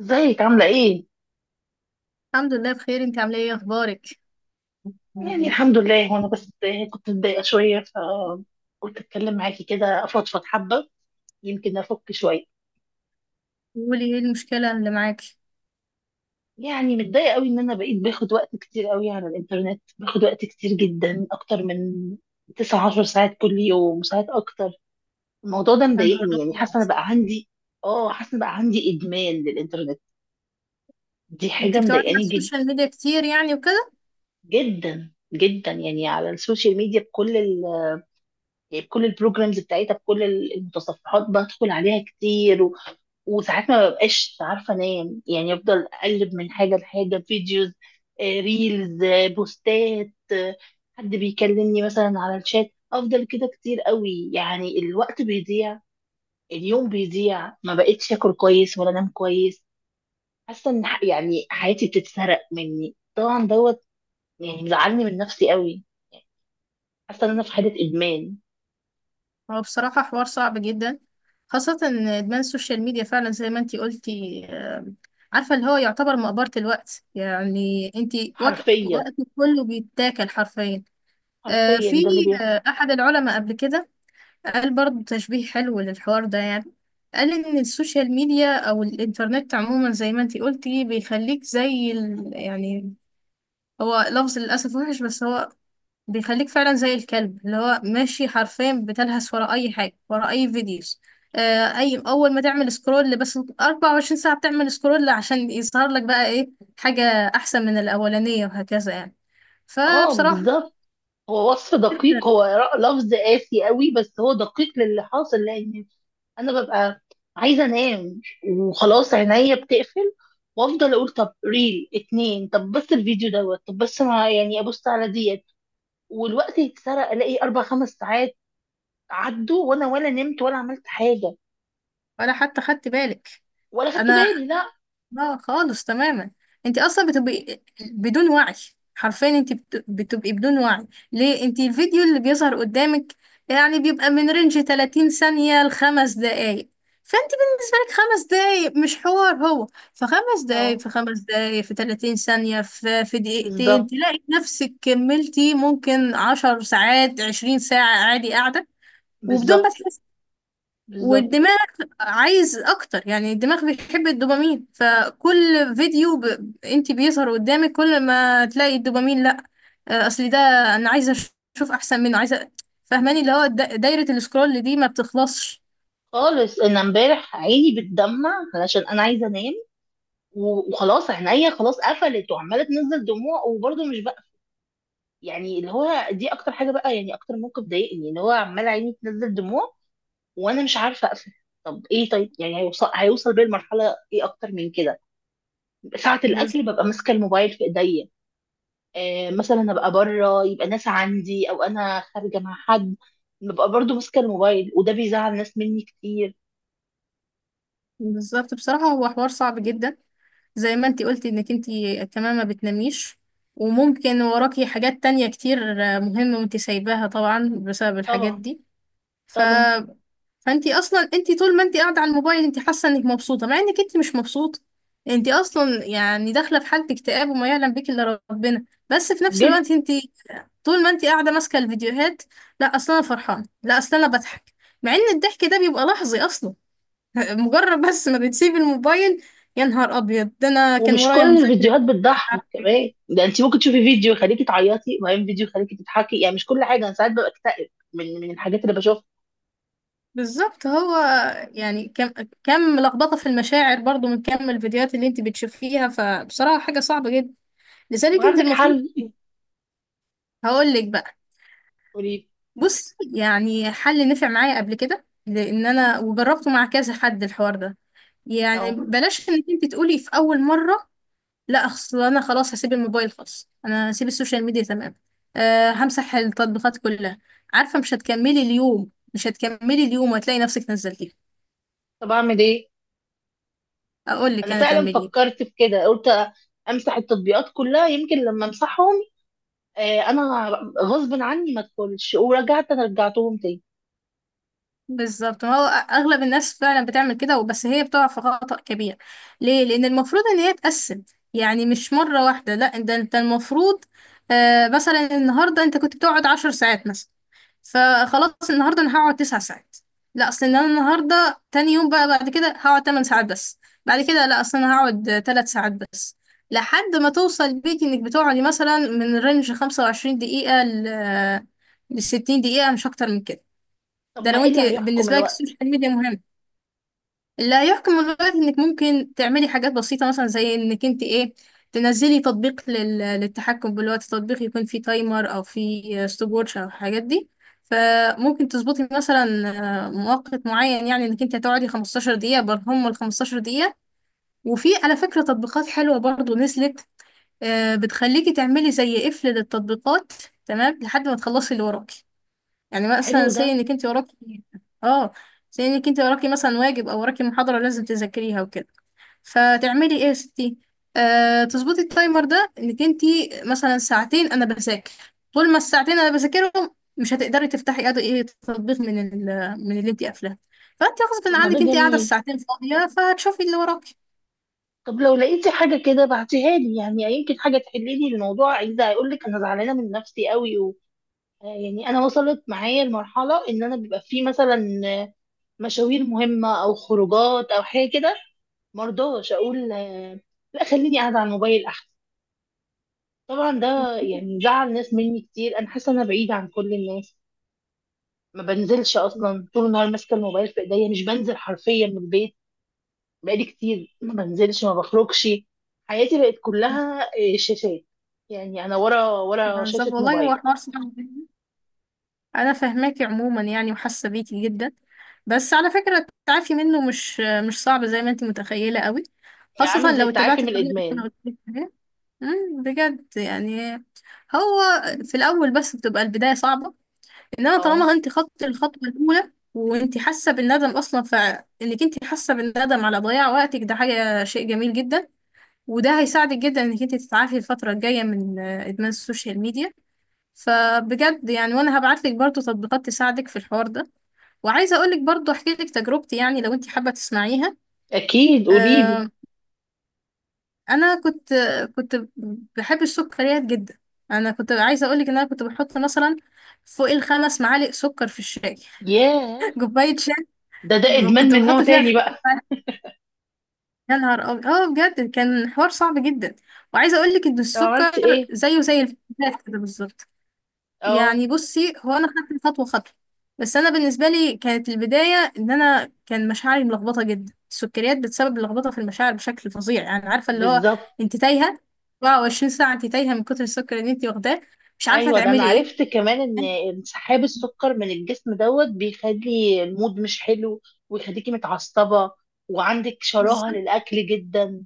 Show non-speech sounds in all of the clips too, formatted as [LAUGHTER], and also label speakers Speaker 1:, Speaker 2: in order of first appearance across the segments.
Speaker 1: ازيك عاملة ايه؟
Speaker 2: الحمد لله بخير. انت عامله ايه؟ اخبارك؟
Speaker 1: يعني الحمد لله. وانا بس كنت متضايقة شوية، فقلت اتكلم معاكي كده افضفض حبة، يمكن افك شوية.
Speaker 2: قولي ايه المشكله اللي معاكي.
Speaker 1: يعني متضايقة قوي، ان انا بقيت باخد وقت كتير قوي على الانترنت، باخد وقت كتير جدا اكتر من 9 10 ساعات كل يوم، وساعات اكتر. الموضوع ده
Speaker 2: يا نهار
Speaker 1: مضايقني، يعني حاسة
Speaker 2: ابيض!
Speaker 1: انا بقى عندي اه حاسة بقى عندي ادمان للانترنت. دي
Speaker 2: انت
Speaker 1: حاجة
Speaker 2: بتقعدي على
Speaker 1: مضايقاني جد،
Speaker 2: السوشيال ميديا كتير يعني وكده.
Speaker 1: جدا جدا. يعني على السوشيال ميديا بكل، يعني بكل البروجرامز بتاعتها، بكل المتصفحات، بدخل عليها كتير وساعات ما ببقاش عارفه انام، يعني افضل اقلب من حاجه لحاجه، فيديوز ريلز بوستات حد بيكلمني مثلا على الشات، افضل كده كتير قوي، يعني الوقت بيضيع. اليوم بيضيع، ما بقتش اكل كويس ولا انام كويس. حاسه ان يعني حياتي بتتسرق مني طبعا دوت، يعني مزعلني من نفسي قوي. حاسه ان انا في حاله ادمان.
Speaker 2: هو بصراحه حوار صعب جدا، خاصه ان ادمان السوشيال ميديا فعلا زي ما انت قلتي، عارفه اللي هو يعتبر مقبره الوقت، يعني انت
Speaker 1: حرفيا.
Speaker 2: وقتك كله بيتاكل حرفيا. آه،
Speaker 1: حرفيا
Speaker 2: في
Speaker 1: ده اللي بيحصل.
Speaker 2: آه، احد العلماء قبل كده قال برضه تشبيه حلو للحوار ده، يعني قال إن السوشيال ميديا أو الإنترنت عموما زي ما انتي قلتي بيخليك يعني هو لفظ للأسف وحش، بس هو بيخليك فعلا زي الكلب اللي هو ماشي حرفيا، بتلهث ورا أي حاجة، ورا أي فيديوز، أي أول ما تعمل سكرول. بس 24 ساعة بتعمل سكرول عشان يظهر لك بقى إيه؟ حاجة أحسن من الأولانية وهكذا يعني.
Speaker 1: اه،
Speaker 2: فبصراحة
Speaker 1: بالظبط. هو وصف دقيق،
Speaker 2: [LAUGHS]
Speaker 1: هو لفظ قاسي قوي، بس هو دقيق للي حاصل. لان انا ببقى عايزه انام، وخلاص عينيا بتقفل، وافضل اقول طب ريل اتنين، طب بس الفيديو دوت، طب بس ما يعني ابص على ديت، والوقت يتسرق، الاقي 4 5 ساعات عدوا وانا ولا نمت ولا عملت حاجه.
Speaker 2: ولا حتى خدت بالك.
Speaker 1: ولا خدت
Speaker 2: انا
Speaker 1: بالي، لا.
Speaker 2: لا، خالص تماما. انت اصلا بتبقي بدون وعي، حرفيا بتبقي بدون وعي. ليه؟ انت الفيديو اللي بيظهر قدامك يعني بيبقى من رينج 30 ثانية لخمس دقايق، فانت بالنسبة لك خمس دقايق مش حوار. هو فخمس دقايق
Speaker 1: اه،
Speaker 2: في خمس دقايق في 30 ثانية في دقيقتين
Speaker 1: بالظبط،
Speaker 2: تلاقي نفسك كملتي ممكن عشر ساعات، عشرين ساعة عادي قاعدة وبدون ما
Speaker 1: بالظبط،
Speaker 2: تحسي.
Speaker 1: بالظبط.
Speaker 2: والدماغ عايز اكتر، يعني الدماغ بيحب الدوبامين. فكل انت بيظهر قدامك كل ما تلاقي الدوبامين لا، اصل ده انا عايزه اشوف احسن منه، عايزه، فاهماني؟ اللي هو دايره السكرول دي ما بتخلصش.
Speaker 1: خالص انا امبارح عيني بتدمع علشان انا عايزه انام، وخلاص عينيا خلاص قفلت وعماله تنزل دموع، وبرضه مش بقى يعني. اللي هو دي اكتر حاجه بقى، يعني اكتر موقف ضايقني، اللي هو عماله عيني تنزل دموع وانا مش عارفه اقفل. طب ايه؟ طيب يعني هيوصل بيا المرحله ايه اكتر من كده؟ ساعه
Speaker 2: بز-
Speaker 1: الاكل ببقى ماسكه الموبايل في ايديا، مثلا ابقى بره، يبقى ناس عندي او انا خارجه مع حد، ببقى برضه ماسكه الموبايل، وده بيزعل ناس مني كتير.
Speaker 2: بالظبط، بصراحه هو حوار صعب جدا. زي ما انت قلتي انك انت كمان ما بتناميش، وممكن وراكي حاجات تانية كتير مهمة وانت سايباها طبعا بسبب الحاجات
Speaker 1: طبعا،
Speaker 2: دي.
Speaker 1: طبعا.
Speaker 2: فانتي اصلا انتي طول ما انتي قاعده على الموبايل انتي حاسه انك مبسوطه مع انك انتي مش مبسوطه. انتي اصلا يعني داخله في حاله اكتئاب، وما يعلم بك الا ربنا. بس في نفس
Speaker 1: جدا.
Speaker 2: الوقت انتي طول ما انتي قاعده ماسكه الفيديوهات، لا اصلا انا فرحانه، لا اصلا انا بضحك، مع ان الضحك ده بيبقى لحظي اصلا. [LAUGHS] مجرد بس ما بتسيب الموبايل. يا نهار ابيض! ده انا كان
Speaker 1: ومش
Speaker 2: ورايا
Speaker 1: كل
Speaker 2: مذاكره
Speaker 1: الفيديوهات
Speaker 2: مش
Speaker 1: بتضحك
Speaker 2: عارفة إيه.
Speaker 1: كمان، ده انت ممكن تشوفي فيديو يخليكي تعيطي وبعدين فيديو يخليكي تضحكي، يعني مش كل حاجه، انا ساعات ببقى اكتئب من الحاجات اللي بشوفها.
Speaker 2: بالظبط. هو يعني كم لخبطه في المشاعر برضو، من كم الفيديوهات اللي انتي بتشوفيها. فبصراحه حاجه صعبه جدا.
Speaker 1: طب
Speaker 2: لذلك انت
Speaker 1: عندك
Speaker 2: المفروض،
Speaker 1: حل؟ [LAUGHS]
Speaker 2: هقول لك بقى.
Speaker 1: قولي لي.
Speaker 2: بص، يعني حل نفع معايا قبل كده لان انا وجربته مع كذا حد الحوار ده. يعني
Speaker 1: اه.
Speaker 2: بلاش انك انت تقولي في اول مره: لا اصل انا خلاص هسيب الموبايل خالص، انا هسيب السوشيال ميديا تمام، همسح التطبيقات كلها. عارفه مش هتكملي اليوم، مش هتكملي اليوم، وهتلاقي نفسك نزلتيه.
Speaker 1: طب اعمل ايه؟
Speaker 2: اقول لك
Speaker 1: انا
Speaker 2: انا
Speaker 1: فعلا
Speaker 2: تعملي إيه.
Speaker 1: فكرت في كده، قلت امسح التطبيقات كلها يمكن لما امسحهم، انا غصب عني ما ادخلش، ورجعت انا رجعتهم تاني.
Speaker 2: بالظبط. هو اغلب الناس فعلا بتعمل كده، وبس هي بتقع في خطأ كبير. ليه؟ لان المفروض ان هي تقسم. يعني مش مرة واحدة، لا، ده انت المفروض مثلا النهاردة انت كنت بتقعد عشر ساعات مثلا، فخلاص النهارده انا هقعد تسع ساعات، لا اصل ان انا النهارده تاني يوم بقى بعد كده هقعد تمن ساعات بس، بعد كده لا اصل انا هقعد تلات ساعات بس، لحد ما توصل بيك انك بتقعدي مثلا من رينج 25 دقيقة لستين دقيقة، مش اكتر من كده.
Speaker 1: طب
Speaker 2: ده
Speaker 1: ما
Speaker 2: لو
Speaker 1: ايه
Speaker 2: انت
Speaker 1: اللي هيحكم
Speaker 2: بالنسبه لك
Speaker 1: الوقت؟
Speaker 2: السوشيال ميديا مهم لا يحكم الغاية. انك ممكن تعملي حاجات بسيطه مثلا، زي انك انت ايه، تنزلي تطبيق للتحكم بالوقت. تطبيق يكون فيه تايمر، او فيه ستوب ووتش، او الحاجات دي. فممكن تظبطي مثلا مؤقت معين، يعني انك انت هتقعدي 15 دقيقه. برهم ال 15 دقيقه. وفي على فكره تطبيقات حلوه برضو نزلت، بتخليكي تعملي زي قفل للتطبيقات، تمام، لحد ما تخلصي اللي وراكي. يعني
Speaker 1: حلو
Speaker 2: مثلا
Speaker 1: ده.
Speaker 2: سي انك انت وراكي، اه، سي انك انت وراكي مثلا واجب، او وراكي محاضرة لازم تذاكريها وكده، فتعملي ايه يا ستي؟ تظبطي التايمر ده، انك انت مثلا ساعتين انا بذاكر، طول ما الساعتين انا بذاكرهم مش هتقدري تفتحي ايه تطبيق من اللي انت قافلاه. فانت
Speaker 1: طب
Speaker 2: غصب
Speaker 1: ما ده
Speaker 2: عنك انت قاعدة
Speaker 1: جميل.
Speaker 2: الساعتين فاضية، فهتشوفي اللي وراكي.
Speaker 1: طب لو لقيتي حاجه كده بعتيها لي، يعني يمكن حاجه تحللي الموضوع، عايزه هيقول لك انا زعلانه من نفسي قوي. يعني انا وصلت معايا لمرحله ان انا بيبقى في مثلا مشاوير مهمه او خروجات او حاجه كده، مرضاش اقول لا، خليني قاعده على الموبايل احسن. طبعا ده يعني زعل ناس مني كتير. انا حاسه ان انا بعيده عن كل الناس، ما بنزلش اصلا، طول النهار ماسكه الموبايل في ايديا، مش بنزل حرفيا من البيت. بقالي كتير ما بنزلش ما بخرجش. حياتي بقت كلها شاشات، يعني انا ورا ورا
Speaker 2: بالظبط
Speaker 1: شاشه
Speaker 2: والله، هو
Speaker 1: موبايل.
Speaker 2: حوار صعب جدا. انا فاهماكي عموما يعني، وحاسه بيكي جدا. بس على فكره التعافي منه مش صعب زي ما انت متخيله قوي،
Speaker 1: يعني عامل
Speaker 2: خاصه
Speaker 1: زي
Speaker 2: لو
Speaker 1: التعافي
Speaker 2: اتبعت
Speaker 1: من
Speaker 2: الطريقه اللي انا
Speaker 1: الادمان؟
Speaker 2: قلت لك عليها. بجد يعني. هو في الاول بس بتبقى البدايه صعبه، انما
Speaker 1: اه،
Speaker 2: طالما انت خدتي الخطوه الاولى وانت حاسه بالندم اصلا، فانك انت حاسه بالندم على ضياع وقتك، ده حاجه شيء جميل جدا. وده هيساعدك جدا انك انت تتعافي الفتره الجايه من ادمان السوشيال ميديا. فبجد يعني، وانا هبعتلك برضو تطبيقات تساعدك في الحوار ده. وعايزه اقولك برضو احكي لك تجربتي، يعني لو انت حابه تسمعيها.
Speaker 1: اكيد قولي لي.
Speaker 2: آه انا كنت بحب السكريات جدا. انا كنت عايزه اقولك ان انا كنت بحط مثلا فوق الخمس معالق سكر في الشاي.
Speaker 1: ياه.
Speaker 2: [LAUGHS] كوبايه شاي
Speaker 1: ده ادمان
Speaker 2: كنت
Speaker 1: من نوع
Speaker 2: بحط فيها
Speaker 1: تاني
Speaker 2: خمس
Speaker 1: بقى.
Speaker 2: معالق. يا نهار ابيض! اه بجد كان حوار صعب جدا. وعايزه اقولك ان
Speaker 1: طب عملت
Speaker 2: السكر
Speaker 1: ايه؟
Speaker 2: زيه زي الفلفلات كده بالظبط.
Speaker 1: اه،
Speaker 2: يعني بصي، هو انا خدت خطوه خطوه. بس انا بالنسبه لي كانت البدايه ان انا كان مشاعري ملخبطه جدا. السكريات بتسبب لخبطه في المشاعر بشكل فظيع، يعني عارفه اللي هو
Speaker 1: بالظبط.
Speaker 2: انت تايهه. 24 ساعه انت تايهه من كتر السكر اللي انت واخداه، مش عارفه
Speaker 1: ايوه، ده انا
Speaker 2: تعملي ايه.
Speaker 1: عرفت كمان ان انسحاب السكر من الجسم دوت بيخلي المود مش حلو، ويخليكي متعصبه، وعندك شراهه
Speaker 2: بالظبط،
Speaker 1: للاكل جدا.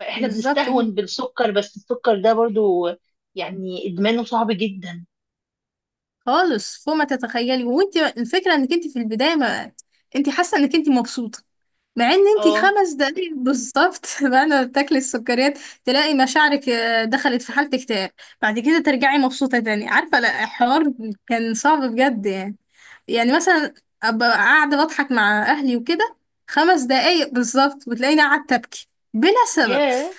Speaker 1: فاحنا
Speaker 2: بالظبط كده.
Speaker 1: بنستهون بالسكر، بس السكر ده برضو، يعني ادمانه صعب جدا.
Speaker 2: خالص فوق ما تتخيلي. وانت الفكره انك انت في البدايه ما انت حاسه انك انت مبسوطه، مع ان انتي
Speaker 1: اه.
Speaker 2: خمس دقايق بالظبط [LAUGHS] بعد ما بتاكلي السكريات تلاقي مشاعرك دخلت في حالة اكتئاب. بعد كده ترجعي مبسوطة تاني، عارفة؟ لا الحوار كان صعب بجد يعني. يعني مثلا ابقى قاعدة بضحك مع اهلي وكده، خمس دقايق بالظبط وتلاقيني قاعدة ابكي بلا سبب.
Speaker 1: ياه،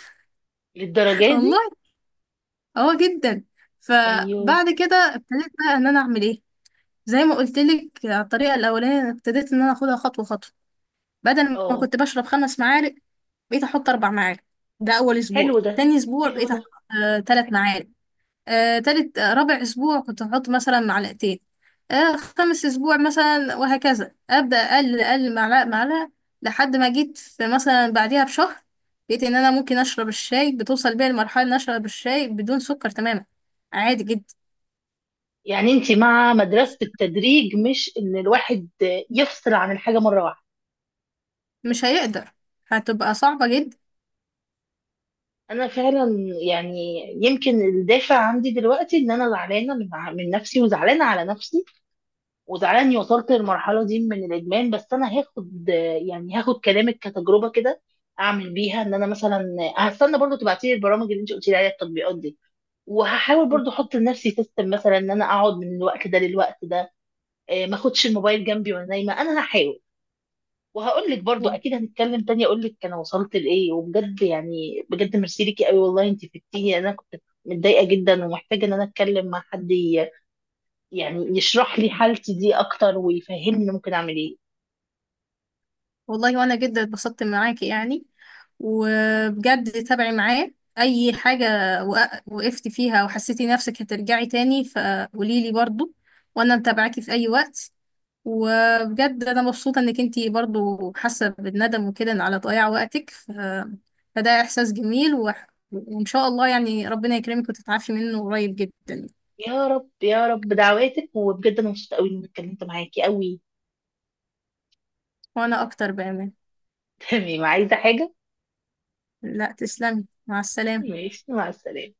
Speaker 2: [LAUGHS]
Speaker 1: للدرجه
Speaker 2: والله
Speaker 1: دي.
Speaker 2: اه جدا.
Speaker 1: ايوه.
Speaker 2: فبعد كده ابتديت بقى ان انا اعمل ايه، زي ما قلت لك الطريقه الاولانيه. أنا ابتديت ان انا اخدها خطوه خطوه. بدل ما
Speaker 1: اه،
Speaker 2: كنت بشرب خمس معالق بقيت احط اربع معالق، ده اول اسبوع.
Speaker 1: حلو ده،
Speaker 2: تاني اسبوع
Speaker 1: حلو
Speaker 2: بقيت
Speaker 1: ده.
Speaker 2: احط تلات معالق. آه تالت آه رابع اسبوع كنت احط مثلا معلقتين. خامس اسبوع مثلا، وهكذا ابدا اقل اقل معلقه معلقه، لحد ما جيت في مثلا بعديها بشهر لقيت ان انا ممكن اشرب الشاي. بتوصل بيا المرحله ان اشرب الشاي بدون سكر تماما، عادي جدا.
Speaker 1: يعني انت مع مدرسة التدريج، مش ان الواحد يفصل عن الحاجة مرة واحدة.
Speaker 2: مش هيقدر، هتبقى صعبة
Speaker 1: انا فعلا، يعني يمكن الدافع عندي دلوقتي ان انا زعلانة من نفسي، وزعلانة على نفسي، وزعلانة اني وصلت للمرحلة دي من الادمان، بس انا هاخد، يعني هاخد كلامك كتجربة كده، اعمل بيها، ان انا مثلا هستنى برضو تبعتي لي البرامج اللي انت قلتي لي عليها، التطبيقات دي، وهحاول
Speaker 2: جدا.
Speaker 1: برضو احط لنفسي سيستم مثلا ان انا اقعد من الوقت ده للوقت ده، ما اخدش الموبايل جنبي وانا نايمه، انا هحاول. وهقول لك برضو، اكيد هنتكلم تاني اقول لك انا وصلت لايه. وبجد يعني، بجد ميرسي ليكي قوي، والله انت فدتيني. انا كنت متضايقه جدا ومحتاجه ان انا اتكلم مع حد يعني يشرح لي حالتي دي اكتر ويفهمني ممكن اعمل ايه.
Speaker 2: والله وانا جدا اتبسطت معاكي يعني، وبجد تابعي معاه اي حاجة وقفتي فيها وحسيتي نفسك هترجعي تاني فقوليلي برضو، وانا متابعاكي في اي وقت. وبجد انا مبسوطة انك انتي برضو حاسة بالندم وكده على ضياع وقتك. فده احساس جميل، وان شاء الله يعني ربنا يكرمك وتتعافي منه قريب جدا.
Speaker 1: يا رب، يا رب، دعواتك. وبجد انا مبسوطه قوي اني اتكلمت معاكي قوي.
Speaker 2: وانا اكتر بامان.
Speaker 1: [LAUGHS] تمام، عايزه حاجه؟
Speaker 2: لا، تسلمي، مع السلامة.
Speaker 1: ماشي، مع السلامه.